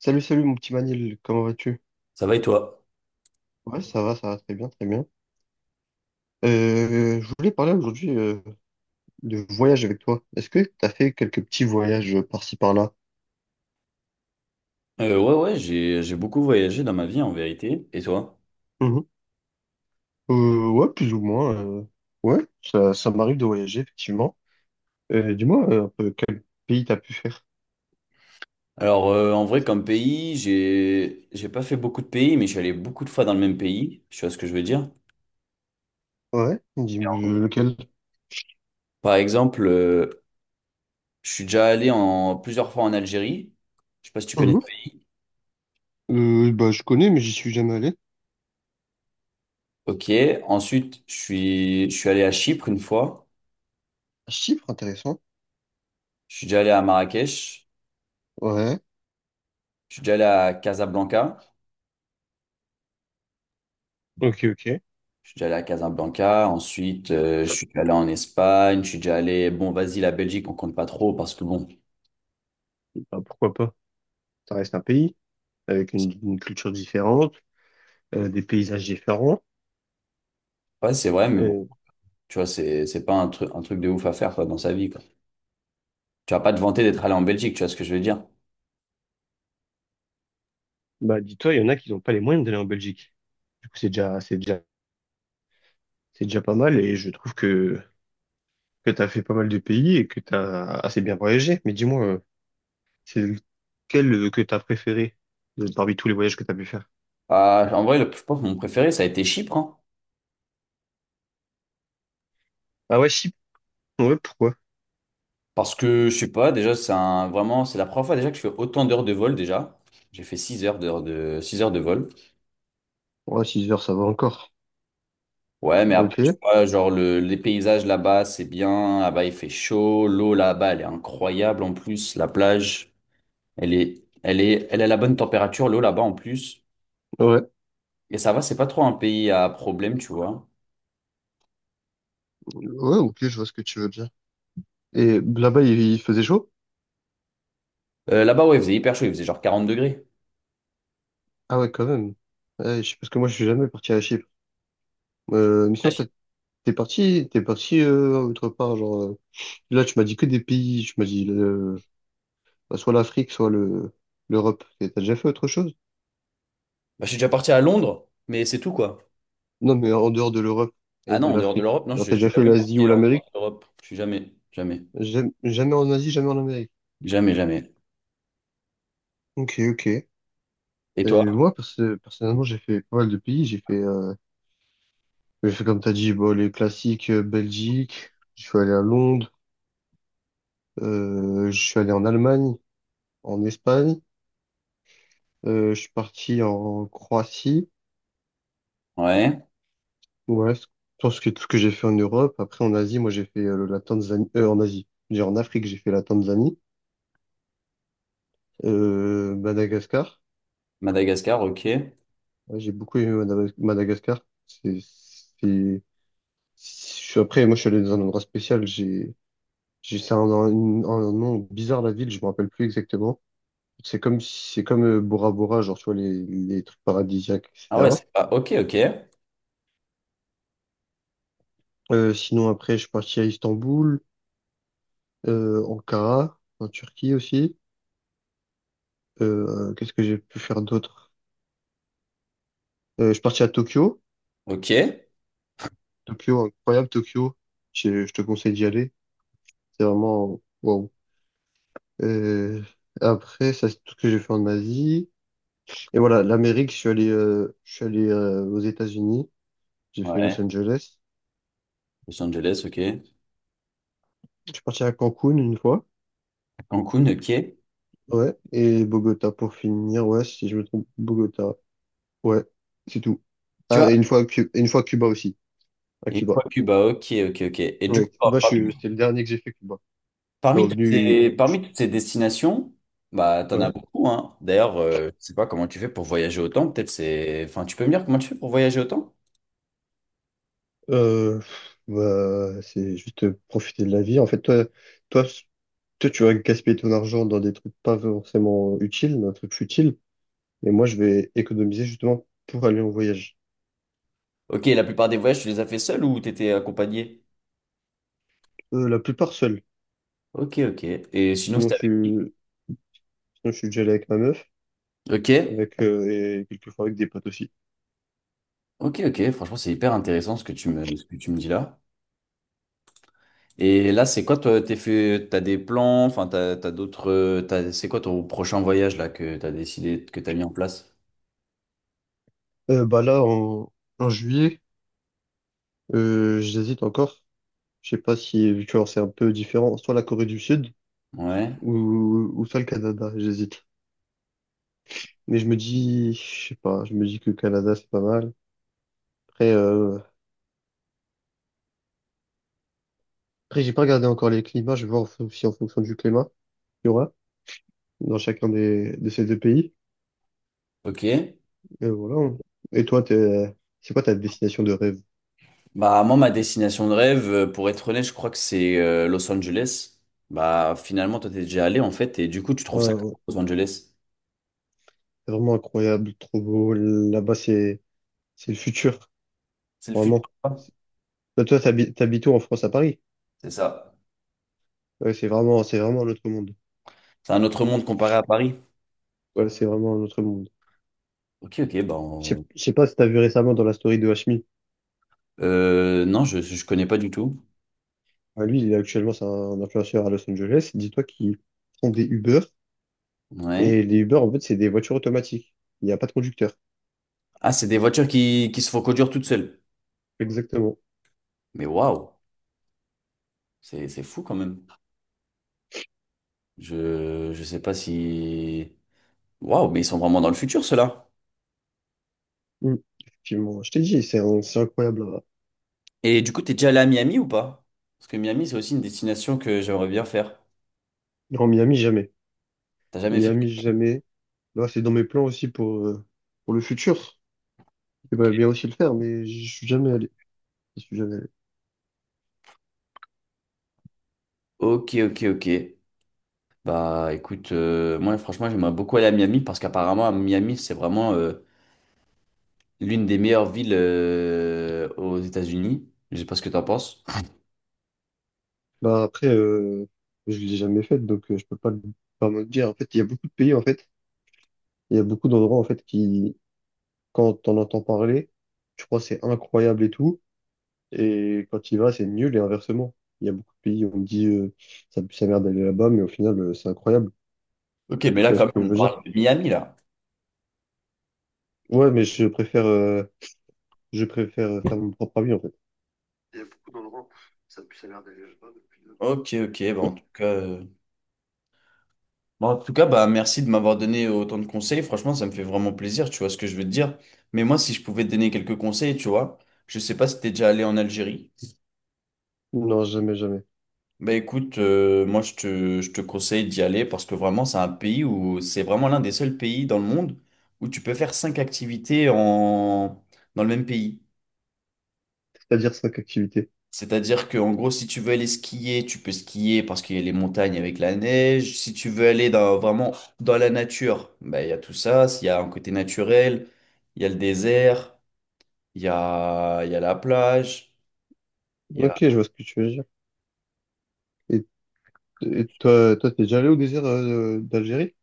Salut, salut mon petit Manil, comment vas-tu? Ça va et toi? Ouais, ça va très bien, très bien. Je voulais parler aujourd'hui de voyage avec toi. Est-ce que tu as fait quelques petits voyages par-ci par-là? Ouais, j'ai beaucoup voyagé dans ma vie en vérité. Et toi? Mhm. Ouais, plus ou moins. Ouais, ça m'arrive de voyager, effectivement. Dis-moi un peu quel pays t'as pu faire? Alors, en vrai, comme pays, j'ai pas fait beaucoup de pays, mais je suis allé beaucoup de fois dans le même pays. Tu vois ce que je veux dire? Ouais, dis lequel? Par exemple, je suis déjà plusieurs fois en Algérie. Je sais pas si tu connais ce Mhm. pays. Bah, je connais, mais j'y suis jamais allé. Ok. Ensuite, je suis allé à Chypre une fois. Chypre, intéressant. Je suis déjà allé à Marrakech. Ouais. Je suis déjà allé à Casablanca. Ok, ok. Je suis déjà allé à Casablanca, ensuite je suis déjà allé en Espagne, je suis déjà allé, bon vas-y la Belgique on compte pas trop parce que bon, Bah, pourquoi pas? Ça reste un pays avec une culture différente, des paysages différents. ouais c'est vrai mais bon, tu vois c'est pas un truc de ouf à faire quoi dans sa vie quoi. Tu vas pas te vanter d'être allé en Belgique, tu vois ce que je veux dire. Bah, dis-toi, il y en a qui n'ont pas les moyens d'aller en Belgique. Du coup, c'est déjà pas mal et je trouve que tu as fait pas mal de pays et que tu as assez bien voyagé. Mais dis-moi, c'est lequel que tu as préféré parmi tous les voyages que tu as pu faire? Ah, en vrai je pense que mon préféré ça a été Chypre hein. Ah ouais, Chypre. Ouais, pourquoi? Parce que je sais pas déjà c'est un vraiment c'est la première fois déjà que je fais autant d'heures de vol déjà. J'ai fait 6 heures de vol. Ouais, 6 heures, ça va encore. Ouais, mais Ok, après tu ouais. vois genre les paysages là-bas, c'est bien, là-bas il fait chaud, l'eau là-bas elle est incroyable en plus, la plage. Elle est, elle a la bonne température, l'eau là-bas en plus. Ouais, Et ça va, c'est pas trop un pays à problème, tu vois. ok, je vois ce que tu veux dire. Et là-bas, il faisait chaud? Là-bas, ouais, il faisait hyper chaud, il faisait genre 40 degrés. Ah ouais, quand même. Ouais, parce que moi, je suis jamais parti à Chypre. Mais Ah, sinon, je toi, t'es parti autre part, genre... Là, tu m'as dit que des pays. Tu m'as dit bah, soit l'Afrique, soit le l'Europe. Et t'as déjà fait autre chose? Bah, je suis déjà parti à Londres, mais c'est tout, quoi. Non, mais en dehors de l'Europe Ah et non, de en dehors de l'Afrique. l'Europe, non, Genre, t'as je suis déjà fait jamais l'Asie ou parti en dehors l'Amérique? de l'Europe. Je suis jamais, jamais, Jamais, jamais en Asie, jamais en Amérique. jamais, jamais. Ok, ok. Et Et toi? moi, personnellement, j'ai fait pas mal de pays. J'ai fait comme t'as dit, bon, les classiques, Belgique. Je suis allé à Londres. Je suis allé en Allemagne, en Espagne. Je suis parti en Croatie. Ouais, Ouais, je pense que tout ce que j'ai fait en Europe. Après, en Asie, moi, j'ai fait la Tanzanie. En Asie. J'ai en Afrique, j'ai fait la Tanzanie. Madagascar. Madagascar, ok. Ouais, j'ai beaucoup aimé Madagascar. C'est, c'est, Après, moi, je suis allé dans un endroit spécial. C'est un nom bizarre, la ville. Je me rappelle plus exactement. C'est comme, si- C'est comme Bora Bora, genre, tu vois, les trucs paradisiaques, Ah ouais, etc. c'est pas, ok, ok, Sinon, après, je suis parti à Istanbul, Ankara, en Turquie aussi. Qu'est-ce que j'ai pu faire d'autre? Je suis parti à Tokyo. ok. Tokyo, incroyable, Tokyo. Je te conseille d'y aller. C'est vraiment, waouh. Euh, Ça c'est tout ce que j'ai fait en Asie. Et voilà, l'Amérique, je suis allé aux États-Unis. J'ai fait Los Ouais, Angeles. Los Angeles, ok. Je suis parti à Cancun une fois. Cancun, ok. Ouais. Et Bogota pour finir. Ouais, si je me trompe, Bogota. Ouais, c'est tout. Tu Ah, vois? et une fois, Cuba aussi. À Et Cuba. toi, Cuba, ok, ok, ok. Et du Ouais, coup, Cuba, parmi c'était le dernier que j'ai fait, Cuba. Je suis Parmi toutes revenu. ces, parmi toutes ces destinations, bah, tu en as Ouais. beaucoup, hein. D'ailleurs, je ne sais pas comment tu fais pour voyager autant. Peut-être c'est... Enfin, tu peux me dire comment tu fais pour voyager autant? Euh, Bah, c'est juste profiter de la vie. En fait, toi Toi, tu vas gaspiller ton argent dans des trucs pas forcément utiles, dans des trucs futiles. Et moi, je vais économiser justement pour aller en voyage. Ok, la plupart des voyages, tu les as fait seul ou tu étais accompagné? La plupart seul. Ok, ok. Et sinon, Sinon, c'était je avec qui? suis, Sinon, je suis déjà allé avec ma meuf, Ok, avec, et quelquefois avec des potes aussi. ok, ok. Franchement, c'est hyper intéressant ce que tu me dis là. Et là, c'est quoi, toi, t'as des plans, enfin, t'as d'autres, c'est quoi ton prochain voyage là que t'as décidé, que t'as mis en place? Euh, bah là, en, En juillet, j'hésite encore. Je sais pas si, tu vois, c'est un peu différent. Soit la Corée du Sud Ouais, ou soit le Canada, j'hésite. Mais je me dis, je sais pas, je me dis que le Canada, c'est pas mal. Après, euh, Après, j'ai pas regardé encore les climats. Je vais voir si en fonction du climat. Dans chacun des, de ces deux pays. ok. Et voilà. Et toi, t'es, c'est quoi ta destination de rêve? Bah, moi, ma destination de rêve, pour être honnête, je crois que c'est Los Angeles. Bah, finalement, toi, t'es déjà allé, en fait, et du coup, tu Ouais, trouves ça comment, ouais, Los Angeles? c'est vraiment incroyable, trop beau. Là-bas, c'est le futur, C'est le futur, vraiment. quoi. Toi, t'habites où en France, à Paris? C'est ça. Ouais, c'est vraiment un autre monde. C'est un autre monde comparé à Paris. Ouais, c'est vraiment un autre monde. Ok, ok, bah, on- Je sais pas si t'as vu récemment dans la story de Hashmi. euh, non, je connais pas du tout. Ah, lui, il est actuellement, c'est un influenceur à Los Angeles. Dis-toi qu'il prend des Uber. Ouais. Et les Uber, en fait, c'est des voitures automatiques. Il n'y a pas de conducteur. Ah, c'est des voitures qui se font conduire toutes seules. Exactement. Mais waouh, c'est fou quand même. Je sais pas si. Waouh, mais ils sont vraiment dans le futur, ceux-là. Mm. Effectivement. Je t'ai dit, c'est incroyable. Et du coup, t'es déjà allé à Miami ou pas? Parce que Miami, c'est aussi une destination que j'aimerais bien faire. Non, Miami, jamais. T'as jamais fait? Miami, jamais. Là, c'est dans mes plans aussi pour le futur. J'aimerais bien aussi le faire, mais je suis jamais allé. Je suis jamais allé. Ok, ok, ok. Bah écoute, moi franchement j'aimerais beaucoup aller à Miami parce qu'apparemment à Miami c'est vraiment l'une des meilleures villes aux États-Unis. Je sais pas ce que t'en penses. Bah, après, euh, je l'ai jamais fait, donc je peux pas, pas me le dire. En fait, il y a beaucoup de pays, en fait. Il y a beaucoup d'endroits, en fait, qui, quand t'en entends parler, tu crois que c'est incroyable et tout. Et quand tu y vas, c'est nul et inversement. Il y a beaucoup de pays où on me dit, ça pue sa mère d'aller là-bas, mais au final, c'est incroyable. Ok, mais là Tu vois ce quand que je même on veux dire? parle de Miami là. Ouais, mais je préfère faire mon propre avis, en fait. Ok, ok, bah en tout cas, bon, en tout cas bah merci de m'avoir donné autant de conseils. Franchement ça me fait vraiment plaisir, tu vois ce que je veux te dire. Mais moi si je pouvais te donner quelques conseils, tu vois, je sais pas si t'es déjà allé en Algérie. Non, jamais, jamais. Bah écoute, je te conseille d'y aller parce que vraiment c'est un pays où c'est vraiment l'un des seuls pays dans le monde où tu peux faire cinq activités dans le même pays. C'est-à-dire cinq activités. C'est-à-dire que en gros si tu veux aller skier, tu peux skier parce qu'il y a les montagnes avec la neige. Si tu veux aller dans, vraiment dans la nature, bah il y a tout ça. S'il y a un côté naturel, il y a le désert, il y a la plage. Ok, je vois ce que tu veux dire. Et, et toi, toi, t'es déjà allé au désert d'Algérie?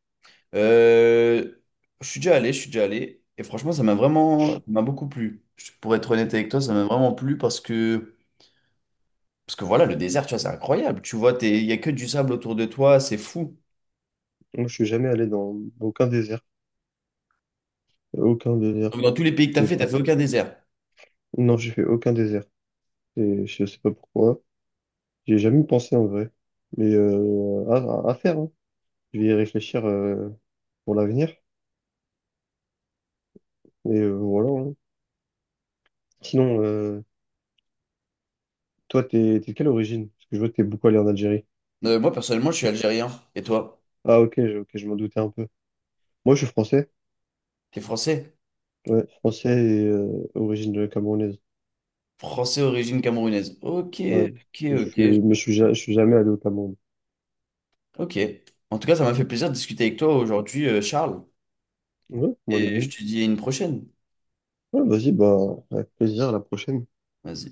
Euh, je suis déjà allé, je suis déjà allé. Et franchement, ça m'a beaucoup plu. Je- Pour être honnête avec toi, ça m'a vraiment plu parce que voilà, le désert, tu vois, c'est incroyable. Tu vois, t'es- il y a que du sable autour de toi, c'est fou. Moi, je suis jamais allé dans aucun désert. Aucun désert. Donc, dans tous les pays que C'est- t'as putain. fait aucun désert. Non, j'ai fait aucun désert. Et je sais pas pourquoi. J'ai jamais pensé en vrai. Mais à faire, hein. Je vais y réfléchir pour l'avenir. Et voilà. Hein. Sinon, euh, Toi, t'es, t'es de quelle origine? Parce que je vois que t'es beaucoup allé en Algérie. Moi, personnellement, je suis algérien. Et toi? Ah, ok, ok, je m'en doutais un peu. Moi, je suis français. T'es français? Ouais, français et origine camerounaise. Français, origine camerounaise. Ok, Ouais, ok, je ok, suis, mais je suis, je suis jamais allé au Cameroun. ok. En tout cas, ça m'a fait plaisir de discuter avec toi aujourd'hui, Charles. Ouais, moi de Et je même. te dis à une prochaine. Ouais, vas-y, bah, avec plaisir, à la prochaine. Vas-y.